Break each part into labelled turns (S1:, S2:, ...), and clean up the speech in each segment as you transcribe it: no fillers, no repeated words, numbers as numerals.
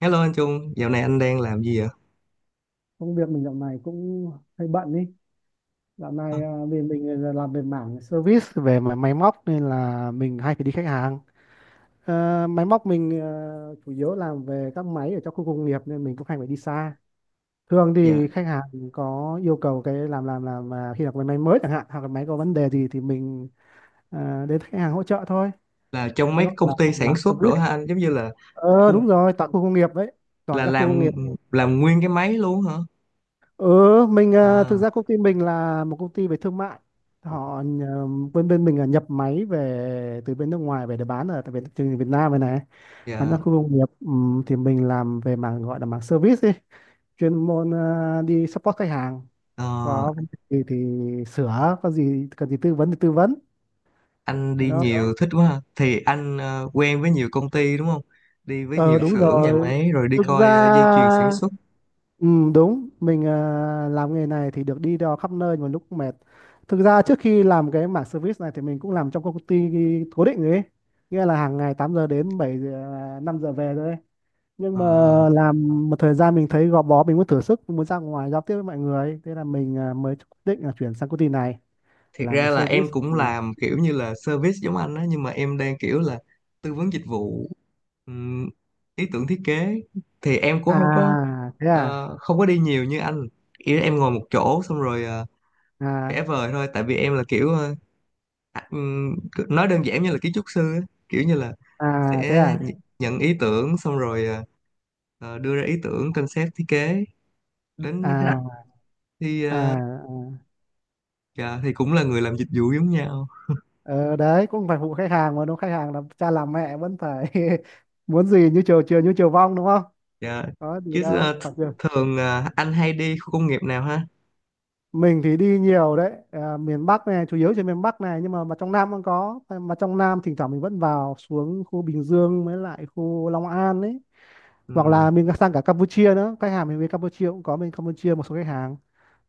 S1: Hello anh Trung, dạo này anh đang làm gì vậy?
S2: Công việc mình dạo này cũng hơi bận ý. Dạo
S1: Ờ,
S2: này vì mình là làm về mảng service về mà máy móc nên là mình hay phải đi khách hàng. Ờ, máy móc mình chủ yếu làm về các máy ở trong khu công nghiệp nên mình cũng hay phải đi xa. Thường
S1: Dạ,
S2: thì khách hàng có yêu cầu cái làm mà khi là cái máy mới chẳng hạn hoặc là máy có vấn đề gì thì mình đến khách hàng hỗ trợ thôi,
S1: là trong mấy
S2: gọi là
S1: công ty sản
S2: làm
S1: xuất đồ
S2: service.
S1: hả anh? Giống như là
S2: Ờ
S1: cung
S2: đúng rồi, tại khu công nghiệp đấy, toàn
S1: là
S2: các khu công
S1: làm
S2: nghiệp.
S1: nguyên cái máy luôn hả?
S2: Ừ, mình thực
S1: À,
S2: ra công ty mình là một công ty về thương mại. Bên bên mình là nhập máy về từ bên nước ngoài về để bán ở tại Việt, thị trường Việt Nam này này, bán ra
S1: dạ,
S2: khu công nghiệp. Thì mình làm về mảng gọi là mảng service ấy, chuyên môn đi support khách hàng.
S1: Ờ,
S2: Có vấn đề gì thì sửa, có gì cần gì tư vấn thì tư vấn.
S1: anh
S2: Thế
S1: đi
S2: đó.
S1: nhiều thích quá ha. Thì anh quen với nhiều công ty đúng không? Đi với
S2: Ờ
S1: nhiều
S2: đúng
S1: xưởng nhà
S2: rồi.
S1: máy rồi đi
S2: Thực ra,
S1: coi dây chuyền sản xuất.
S2: ừ, đúng mình làm nghề này thì được đi đò khắp nơi mà lúc mệt. Thực ra trước khi làm cái mảng service này thì mình cũng làm trong công ty cố định rồi ấy, nghĩa là hàng ngày 8 giờ đến 7 giờ, 5 giờ về thôi, nhưng
S1: Ờ.
S2: mà làm một thời gian mình thấy gò bó, mình muốn thử sức, mình muốn ra ngoài giao tiếp với mọi người ấy. Thế là mình mới quyết định là chuyển sang công ty này
S1: Thiệt
S2: làm về
S1: ra là em
S2: service.
S1: cũng
S2: Ừ.
S1: làm kiểu như là service giống anh á, nhưng mà em đang kiểu là tư vấn dịch vụ, ừm, ý tưởng thiết kế, thì em cũng
S2: À
S1: không có,
S2: thế à.
S1: không có đi nhiều như anh. Ý là em ngồi một chỗ xong rồi vẽ
S2: À
S1: vời thôi, tại vì em là kiểu à, ừm, nói đơn giản như là kiến trúc sư á. Kiểu như là
S2: à thế
S1: sẽ
S2: à.
S1: nhận ý tưởng xong rồi đưa ra ý tưởng concept thiết kế đến khách hàng,
S2: À
S1: thì ờ,
S2: à.
S1: dạ, thì cũng là người làm dịch vụ giống nhau.
S2: Ờ, đấy cũng phải phụ khách hàng mà đúng không? Khách hàng là cha làm mẹ vẫn phải muốn gì như chiều, chiều như chiều vong đúng không,
S1: Dạ.
S2: có gì
S1: Chứ
S2: đâu
S1: ờ, th-
S2: phải chưa.
S1: thường anh hay đi khu công nghiệp nào ha?
S2: Mình thì đi nhiều đấy, miền Bắc này, chủ yếu trên miền Bắc này, nhưng mà trong Nam cũng có mà, trong Nam thỉnh thoảng mình vẫn vào, xuống khu Bình Dương với lại khu Long An ấy, hoặc
S1: Ừ.
S2: là mình sang cả Campuchia nữa. Khách hàng mình bên Campuchia cũng có, bên Campuchia một số khách hàng,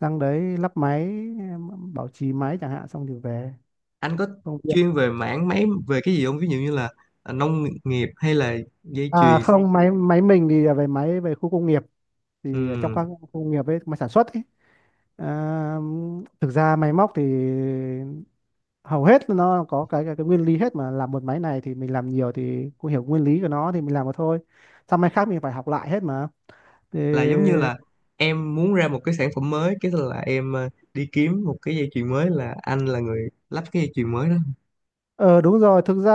S2: sang đấy lắp máy, em, bảo trì máy chẳng hạn, xong thì về.
S1: Anh có
S2: Công việc
S1: chuyên về mảng mấy về cái gì không? Ví dụ như là nông nghiệp hay là dây chuyền.
S2: không, máy máy mình thì là về máy về khu công nghiệp, thì trong
S1: Ừ.
S2: các khu nghiệp ấy mà sản xuất ấy. à, thực ra máy móc thì hầu hết nó có cái nguyên lý hết mà, làm một máy này thì mình làm nhiều thì cũng hiểu nguyên lý của nó thì mình làm mà thôi, sang máy khác mình phải học lại hết mà thì.
S1: Là giống như là em muốn ra một cái sản phẩm mới, cái là em đi kiếm một cái dây chuyền mới, là anh là người lắp cái dây chuyền mới đó.
S2: Ờ đúng rồi, thực ra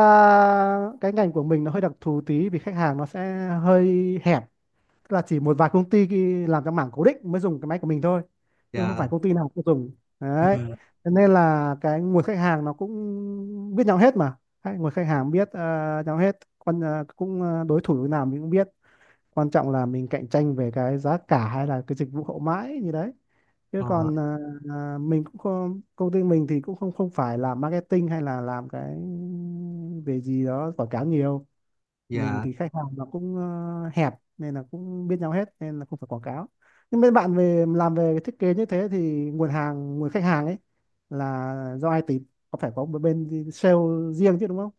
S2: cái ngành của mình nó hơi đặc thù tí vì khách hàng nó sẽ hơi hẹp. Tức là chỉ một vài công ty làm trong mảng cố định mới dùng cái máy của mình thôi, chứ không
S1: Dạ.
S2: phải công ty nào cũng dùng đấy.
S1: Ừ.
S2: Cho nên là cái nguồn khách hàng nó cũng biết nhau hết mà. Hay, nguồn khách hàng biết nhau hết, quan cũng đối thủ như nào mình cũng biết, quan trọng là mình cạnh tranh về cái giá cả hay là cái dịch vụ hậu mãi như đấy, chứ
S1: Ờ,
S2: còn ờ, ờ, mình cũng không, công ty mình thì cũng không không phải làm marketing hay là làm cái về gì đó quảng cáo nhiều. Mình
S1: dạ.
S2: thì khách hàng nó cũng hẹp nên là cũng biết nhau hết nên là không phải quảng cáo. Nhưng bên bạn về làm về cái thiết kế như thế thì nguồn hàng, nguồn khách hàng ấy là do ai tìm, có phải có một bên sale riêng chứ đúng không.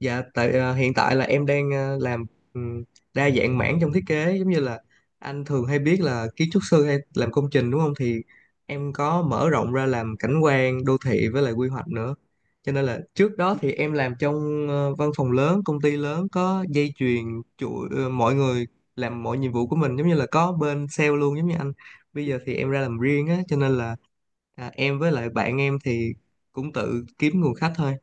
S1: Dạ, hiện tại là em đang làm ừm, đa dạng mảng trong thiết kế, giống như là anh thường hay biết là kiến trúc sư hay làm công trình đúng không? Thì em có mở rộng ra làm cảnh quan, đô thị với lại quy hoạch nữa. Cho nên là trước đó thì em làm trong văn phòng lớn, công ty lớn có dây chuyền chuỗi, mọi người làm mọi nhiệm vụ của mình giống như là có bên sale luôn giống như anh. Bây giờ thì em ra làm riêng á, cho nên là em với lại bạn em thì cũng tự kiếm nguồn khách thôi.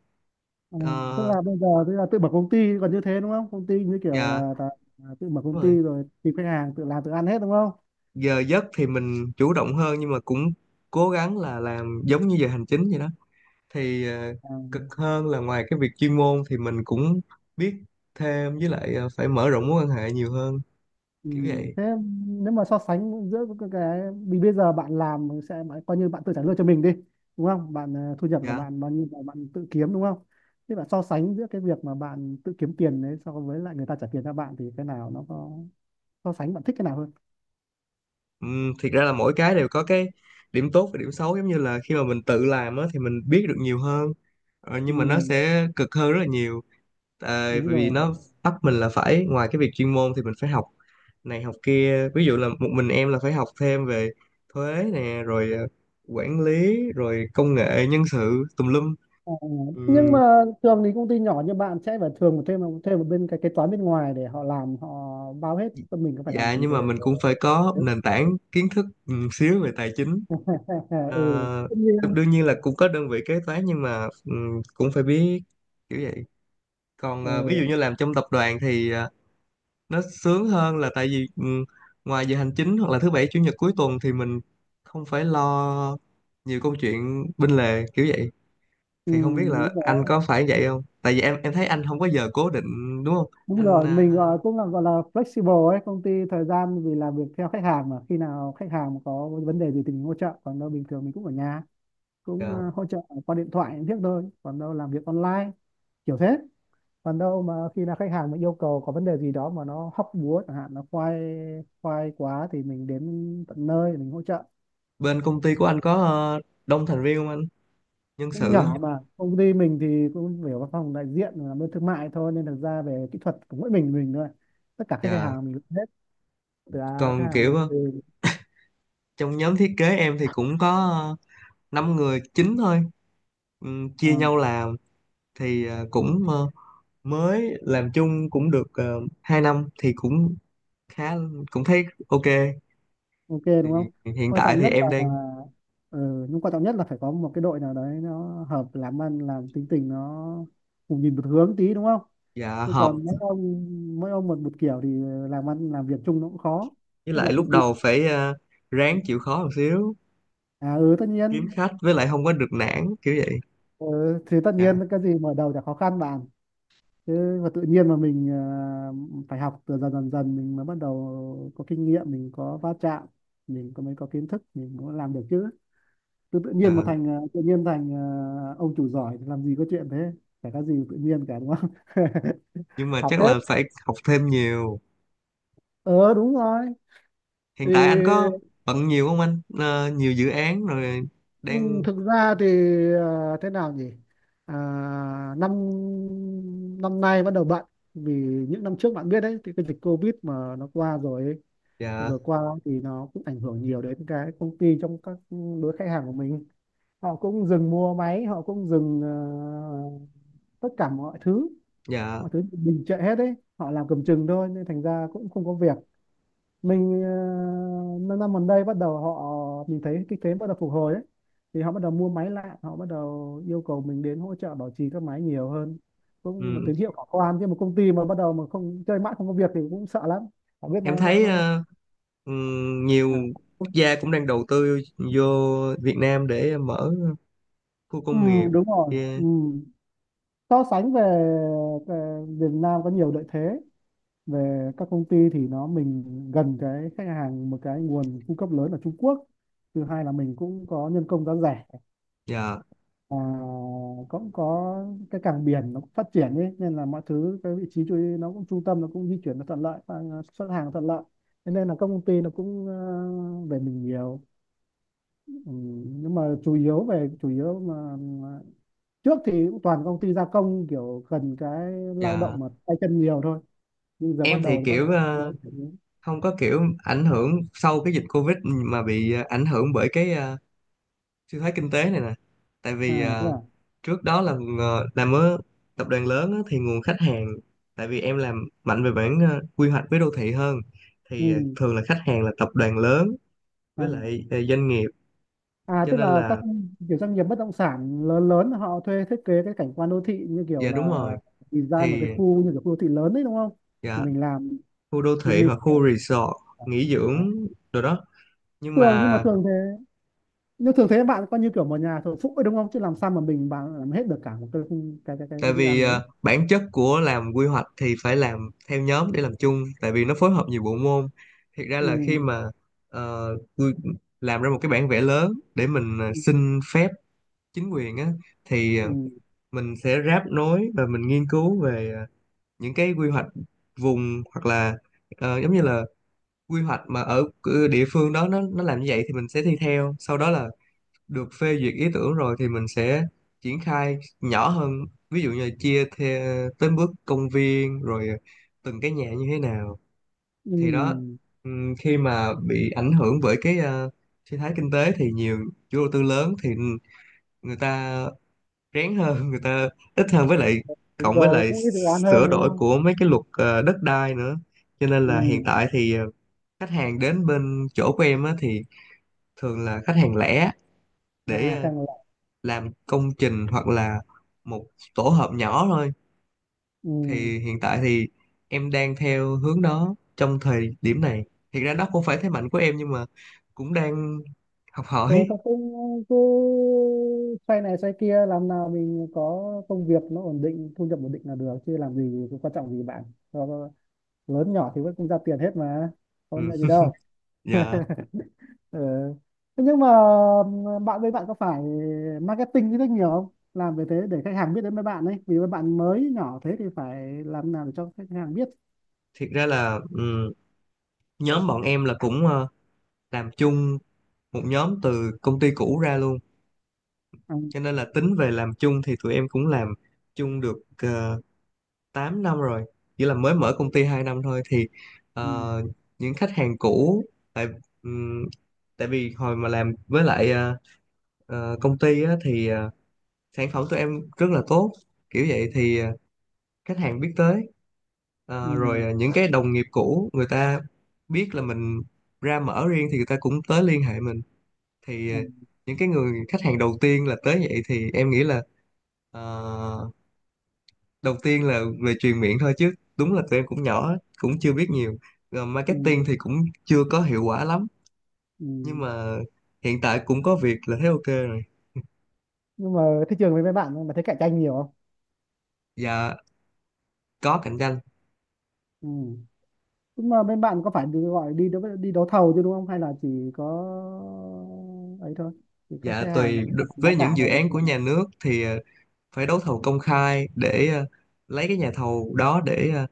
S2: Ừ, tức
S1: Ờ,
S2: là bây giờ tức là tự mở công ty còn như thế đúng không, công ty như kiểu
S1: dạ.
S2: là tự mở công
S1: Đúng
S2: ty
S1: rồi.
S2: rồi tìm khách hàng, tự làm tự ăn hết đúng không.
S1: Giờ giấc thì mình chủ động hơn, nhưng mà cũng cố gắng là làm giống như giờ hành chính vậy đó. thì ờ,
S2: À,
S1: Cực hơn là ngoài cái việc chuyên môn thì mình cũng biết thêm, với lại phải mở rộng mối quan hệ nhiều hơn,
S2: ừ,
S1: kiểu vậy.
S2: thế nếu mà so sánh giữa cái vì bây giờ bạn làm sẽ coi như bạn tự trả lương cho mình đi, đúng không, bạn thu nhập là
S1: Dạ.
S2: bạn bao nhiêu là bạn tự kiếm đúng không, thế bạn so sánh giữa cái việc mà bạn tự kiếm tiền đấy so với lại người ta trả tiền cho bạn thì cái nào nó có, so sánh bạn thích cái nào hơn.
S1: Thiệt ra là mỗi cái đều có cái điểm tốt và điểm xấu. Giống như là khi mà mình tự làm á, thì mình biết được nhiều hơn, nhưng mà nó
S2: Ừ,
S1: sẽ cực hơn rất là nhiều, tại
S2: đúng
S1: vì
S2: rồi.
S1: nó bắt mình là phải ngoài cái việc chuyên môn thì mình phải học này học kia. Ví dụ là một mình em là phải học thêm về thuế nè, rồi quản lý rồi công nghệ nhân sự tùm lum.
S2: Ờ, nhưng
S1: Ừm,
S2: mà thường thì công ty nhỏ như bạn sẽ phải thường thêm thêm một bên cái kế toán bên ngoài để họ làm, họ bao hết, còn mình có phải làm
S1: dạ,
S2: gì
S1: nhưng mà
S2: về
S1: mình cũng phải có nền tảng kiến thức xíu về tài chính. Ờ,
S2: ừ tất nhiên.
S1: đương nhiên là cũng có đơn vị kế toán, nhưng mà cũng phải biết, kiểu vậy. Còn ví
S2: Ừ,
S1: dụ như làm trong tập đoàn thì nó sướng hơn là tại vì ngoài giờ hành chính hoặc là thứ bảy chủ nhật cuối tuần thì mình không phải lo nhiều câu chuyện bên lề, kiểu vậy.
S2: ừ,
S1: Thì không biết
S2: đúng.
S1: là anh có phải vậy không, tại vì em thấy anh không có giờ cố định đúng không
S2: Đúng
S1: anh?
S2: rồi,
S1: Ờ,
S2: mình gọi cũng là gọi là flexible ấy, công ty thời gian vì làm việc theo khách hàng, mà khi nào khách hàng có vấn đề gì thì mình hỗ trợ, còn đâu bình thường mình cũng ở nhà, cũng
S1: dạ.
S2: hỗ trợ qua điện thoại thiết thôi, còn đâu làm việc online, kiểu thế. Còn đâu mà khi nào khách hàng mà yêu cầu có vấn đề gì đó mà nó hóc búa chẳng hạn, nó khoai khoai quá thì mình đến tận nơi mình hỗ trợ.
S1: Bên công ty của anh có đông thành viên không anh, nhân
S2: Cũng
S1: sự á?
S2: nhỏ mà, công ty mình thì cũng về văn phòng đại diện làm bên thương mại thôi, nên thực ra về kỹ thuật của mỗi mình thôi. Tất cả các khách
S1: Dạ.
S2: hàng mình làm hết từ khách
S1: Còn
S2: hàng
S1: kiểu
S2: từ
S1: trong nhóm thiết kế em thì cũng có 5 người chín thôi.
S2: à,
S1: Chia nhau làm, thì ờ, cũng ờ, mới làm chung cũng được 2 năm, thì cũng khá, cũng thấy ok.
S2: ok
S1: Thì
S2: đúng không.
S1: hiện
S2: Quan
S1: tại
S2: trọng
S1: thì
S2: nhất là,
S1: em đang,
S2: ừ, nhưng quan trọng nhất là phải có một cái đội nào đấy nó hợp làm ăn, làm tính tình nó cùng nhìn một hướng tí đúng không,
S1: dạ,
S2: chứ
S1: hợp,
S2: còn mỗi ông một một kiểu thì làm ăn, làm việc chung nó cũng khó,
S1: với
S2: nên là
S1: lại lúc
S2: công ty.
S1: đầu phải ráng chịu khó một xíu,
S2: À ừ tất
S1: kiếm
S2: nhiên.
S1: khách, với lại không có được nản, kiểu vậy.
S2: Ừ, thì tất
S1: Dạ.
S2: nhiên cái gì mở đầu chả khó khăn bạn, chứ mà tự nhiên mà mình phải học từ dần dần dần mình mới bắt đầu có kinh nghiệm, mình có va chạm, mình có mới có kiến thức mình mới làm được chứ. Tự nhiên
S1: Dạ,
S2: mà thành tự nhiên thành ông chủ giỏi thì làm gì có chuyện thế, chả có gì tự nhiên cả đúng không
S1: nhưng mà
S2: học
S1: chắc
S2: hết.
S1: là phải học thêm nhiều.
S2: Ờ đúng rồi
S1: Hiện
S2: thì,
S1: tại anh có bận nhiều không anh? Ờ, nhiều dự án rồi
S2: ừ,
S1: đang,
S2: thực ra thì thế nào nhỉ, à, năm năm nay bắt đầu bận vì những năm trước bạn biết đấy thì cái dịch Covid mà nó qua rồi ấy,
S1: dạ,
S2: vừa qua thì nó cũng ảnh hưởng nhiều đến cái công ty trong các đối khách hàng của mình, họ cũng dừng mua máy, họ cũng dừng tất cả mọi thứ,
S1: dạ,
S2: mọi thứ đình trệ hết đấy, họ làm cầm chừng thôi nên thành ra cũng không có việc. Mình năm năm gần đây bắt đầu họ, mình thấy cái thế bắt đầu phục hồi ấy, thì họ bắt đầu mua máy lại, họ bắt đầu yêu cầu mình đến hỗ trợ bảo trì các máy nhiều hơn, cũng một
S1: ừ,
S2: tín hiệu khả quan chứ một công ty mà bắt đầu mà không chơi mãi không có việc thì cũng sợ lắm. Họ biết
S1: em thấy
S2: nó.
S1: nhiều
S2: À.
S1: quốc gia cũng đang đầu tư vô Việt Nam để mở khu
S2: Ừ,
S1: công nghiệp.
S2: đúng rồi ừ.
S1: Yeah.
S2: So sánh về, về Việt Nam có nhiều lợi thế, về các công ty thì nó mình gần cái khách hàng một cái nguồn cung cấp lớn ở Trung Quốc, thứ hai là mình cũng có nhân công giá rẻ,
S1: Dạ.
S2: và cũng có cái cảng biển nó cũng phát triển ấy, nên là mọi thứ cái vị trí chú nó cũng trung tâm, nó cũng di chuyển nó thuận lợi và xuất hàng nó thuận lợi. Thế nên là các công ty nó cũng về mình nhiều. Ừ, nhưng mà chủ yếu về chủ yếu mà trước thì cũng toàn công ty gia công kiểu cần cái lao
S1: Dạ.
S2: động mà tay chân nhiều thôi, nhưng giờ bắt
S1: Em thì
S2: đầu thì bắt đầu
S1: kiểu
S2: mới chuyển hướng.
S1: không có kiểu ảnh hưởng sau cái dịch Covid mà bị ảnh hưởng bởi cái suy thoái kinh tế này nè. Tại
S2: À
S1: vì
S2: thế à.
S1: trước đó là làm ở tập đoàn lớn á, thì nguồn khách hàng, tại vì em làm mạnh về bản quy hoạch với đô thị hơn, thì
S2: Ừ.
S1: thường là khách hàng là tập đoàn lớn,
S2: À.
S1: với lại doanh nghiệp,
S2: À
S1: cho
S2: tức
S1: nên
S2: là các
S1: là,
S2: kiểu doanh nghiệp bất động sản lớn lớn họ thuê thiết kế cái cảnh quan đô thị như kiểu
S1: dạ
S2: là
S1: đúng rồi,
S2: design một
S1: thì
S2: cái khu như kiểu khu đô thị lớn đấy đúng không? Thì
S1: dạ
S2: mình làm,
S1: khu đô
S2: thì
S1: thị
S2: mình
S1: hoặc khu resort nghỉ
S2: à.
S1: dưỡng rồi đó. Nhưng
S2: Thường nhưng mà
S1: mà
S2: thường thế, nhưng thường thế bạn coi như kiểu một nhà thờ phụ ấy đúng không? Chứ làm sao mà bạn làm hết được cả một cái
S1: tại
S2: dự
S1: vì
S2: án lớn.
S1: bản chất của làm quy hoạch thì phải làm theo nhóm để làm chung, tại vì nó phối hợp nhiều bộ môn. Thiệt ra là khi
S2: Ừ.
S1: mà ờ, quy- làm ra một cái bản vẽ lớn để mình
S2: Ừ.
S1: xin phép chính quyền á, thì ờ,
S2: Ừ.
S1: mình sẽ ráp nối và mình nghiên cứu về những cái quy hoạch vùng hoặc là giống như là quy hoạch mà ở địa phương đó, nó làm như vậy thì mình sẽ thi theo, sau đó là được phê duyệt ý tưởng rồi thì mình sẽ triển khai nhỏ hơn, ví dụ như là chia theo tới bước công viên, rồi từng cái nhà như thế nào, thì đó.
S2: Ừ.
S1: Ừm, khi mà bị ảnh hưởng bởi cái suy thoái kinh tế thì nhiều chủ đầu tư lớn thì người ta rén hơn người ta ít hơn, với lại
S2: Đúng
S1: cộng với
S2: rồi,
S1: lại
S2: cũng ít dự án hơn
S1: sửa
S2: đúng
S1: đổi
S2: không?
S1: của mấy cái luật đất đai nữa, cho nên là hiện
S2: Ừ.
S1: tại thì khách hàng đến bên chỗ của em á, thì thường là khách hàng lẻ, để
S2: À khang là
S1: làm công trình hoặc là một tổ hợp nhỏ thôi.
S2: ừ.
S1: Thì hiện tại thì em đang theo hướng đó trong thời điểm này, hiện ra đó không phải thế mạnh của em nhưng mà cũng đang học
S2: Rồi
S1: hỏi.
S2: xong cũng cứ xoay này xoay kia làm nào mình có công việc nó ổn định, thu nhập ổn định là được, chứ làm gì có quan trọng gì bạn. Cho- lớn nhỏ thì vẫn cũng ra tiền hết mà,
S1: Ừ.
S2: không nhận gì đâu.
S1: Dạ.
S2: Ừ. Thế nhưng mà bạn có phải marketing rất nhiều không, làm về thế để khách hàng biết đến với bạn ấy, vì với bạn mới nhỏ thế thì phải làm nào để cho khách hàng biết.
S1: Thiệt ra là ừ, nhóm bọn em là cũng làm chung một nhóm từ công ty cũ ra luôn,
S2: À,
S1: cho nên là tính về làm chung thì tụi em cũng làm chung được 8 năm rồi, chỉ là mới mở công ty 2 năm thôi.
S2: ừ,
S1: Ờ, những khách hàng cũ, tại ừm, tại vì hồi mà làm với lại công ty á, thì sản phẩm tụi em rất là tốt, kiểu vậy, thì khách hàng biết tới. Ờ, rồi
S2: ừ,
S1: những cái đồng nghiệp cũ người ta biết là mình ra mở riêng thì người ta cũng tới liên hệ mình.
S2: ừ,
S1: thì ờ, những cái người khách hàng đầu tiên là tới vậy, thì em nghĩ là ờ, đầu tiên là về truyền miệng thôi, chứ đúng là tụi em cũng nhỏ, cũng chưa biết nhiều, rồi
S2: ừ,
S1: marketing thì cũng chưa có hiệu quả lắm, nhưng
S2: ừ.
S1: mà hiện tại cũng có việc là thấy ok rồi.
S2: Nhưng mà thị trường với mấy bạn mà thấy cạnh tranh nhiều không,
S1: Dạ, có cạnh tranh.
S2: ừ. Nhưng mà bên bạn có phải đi gọi đi đấu thầu chứ đúng không? Hay là chỉ có ấy thôi? Chỉ khách,
S1: Dạ,
S2: khách hàng
S1: tùy
S2: bán giá
S1: với
S2: cả
S1: những dự
S2: thôi bình
S1: án của
S2: thường.
S1: nhà nước thì phải đấu thầu công khai để lấy cái nhà thầu đó để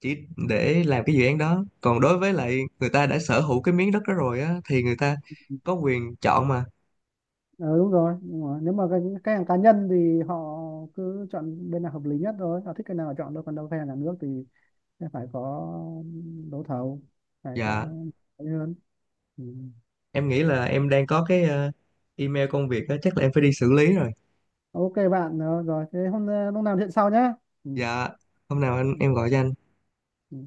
S1: chỉ để làm cái dự án đó. Còn đối với lại người ta đã sở hữu cái miếng đất đó rồi á thì người ta có quyền chọn mà.
S2: Ừ, đúng rồi. Nhưng mà nếu mà cái khách hàng cá nhân thì họ cứ chọn bên nào hợp lý nhất thôi. Họ thích cái nào họ chọn thôi. Còn đâu khách hàng nhà nước thì sẽ phải có đấu thầu, phải
S1: Dạ,
S2: có ấy hơn. Ừ.
S1: em nghĩ là em đang có cái email công việc đó, chắc là em phải đi xử lý rồi.
S2: Ok bạn rồi. Thế hôm lúc nào chuyện sau nhé. Ừ.
S1: Dạ, hôm nào anh
S2: Ừ.
S1: em gọi cho anh.
S2: Ừ.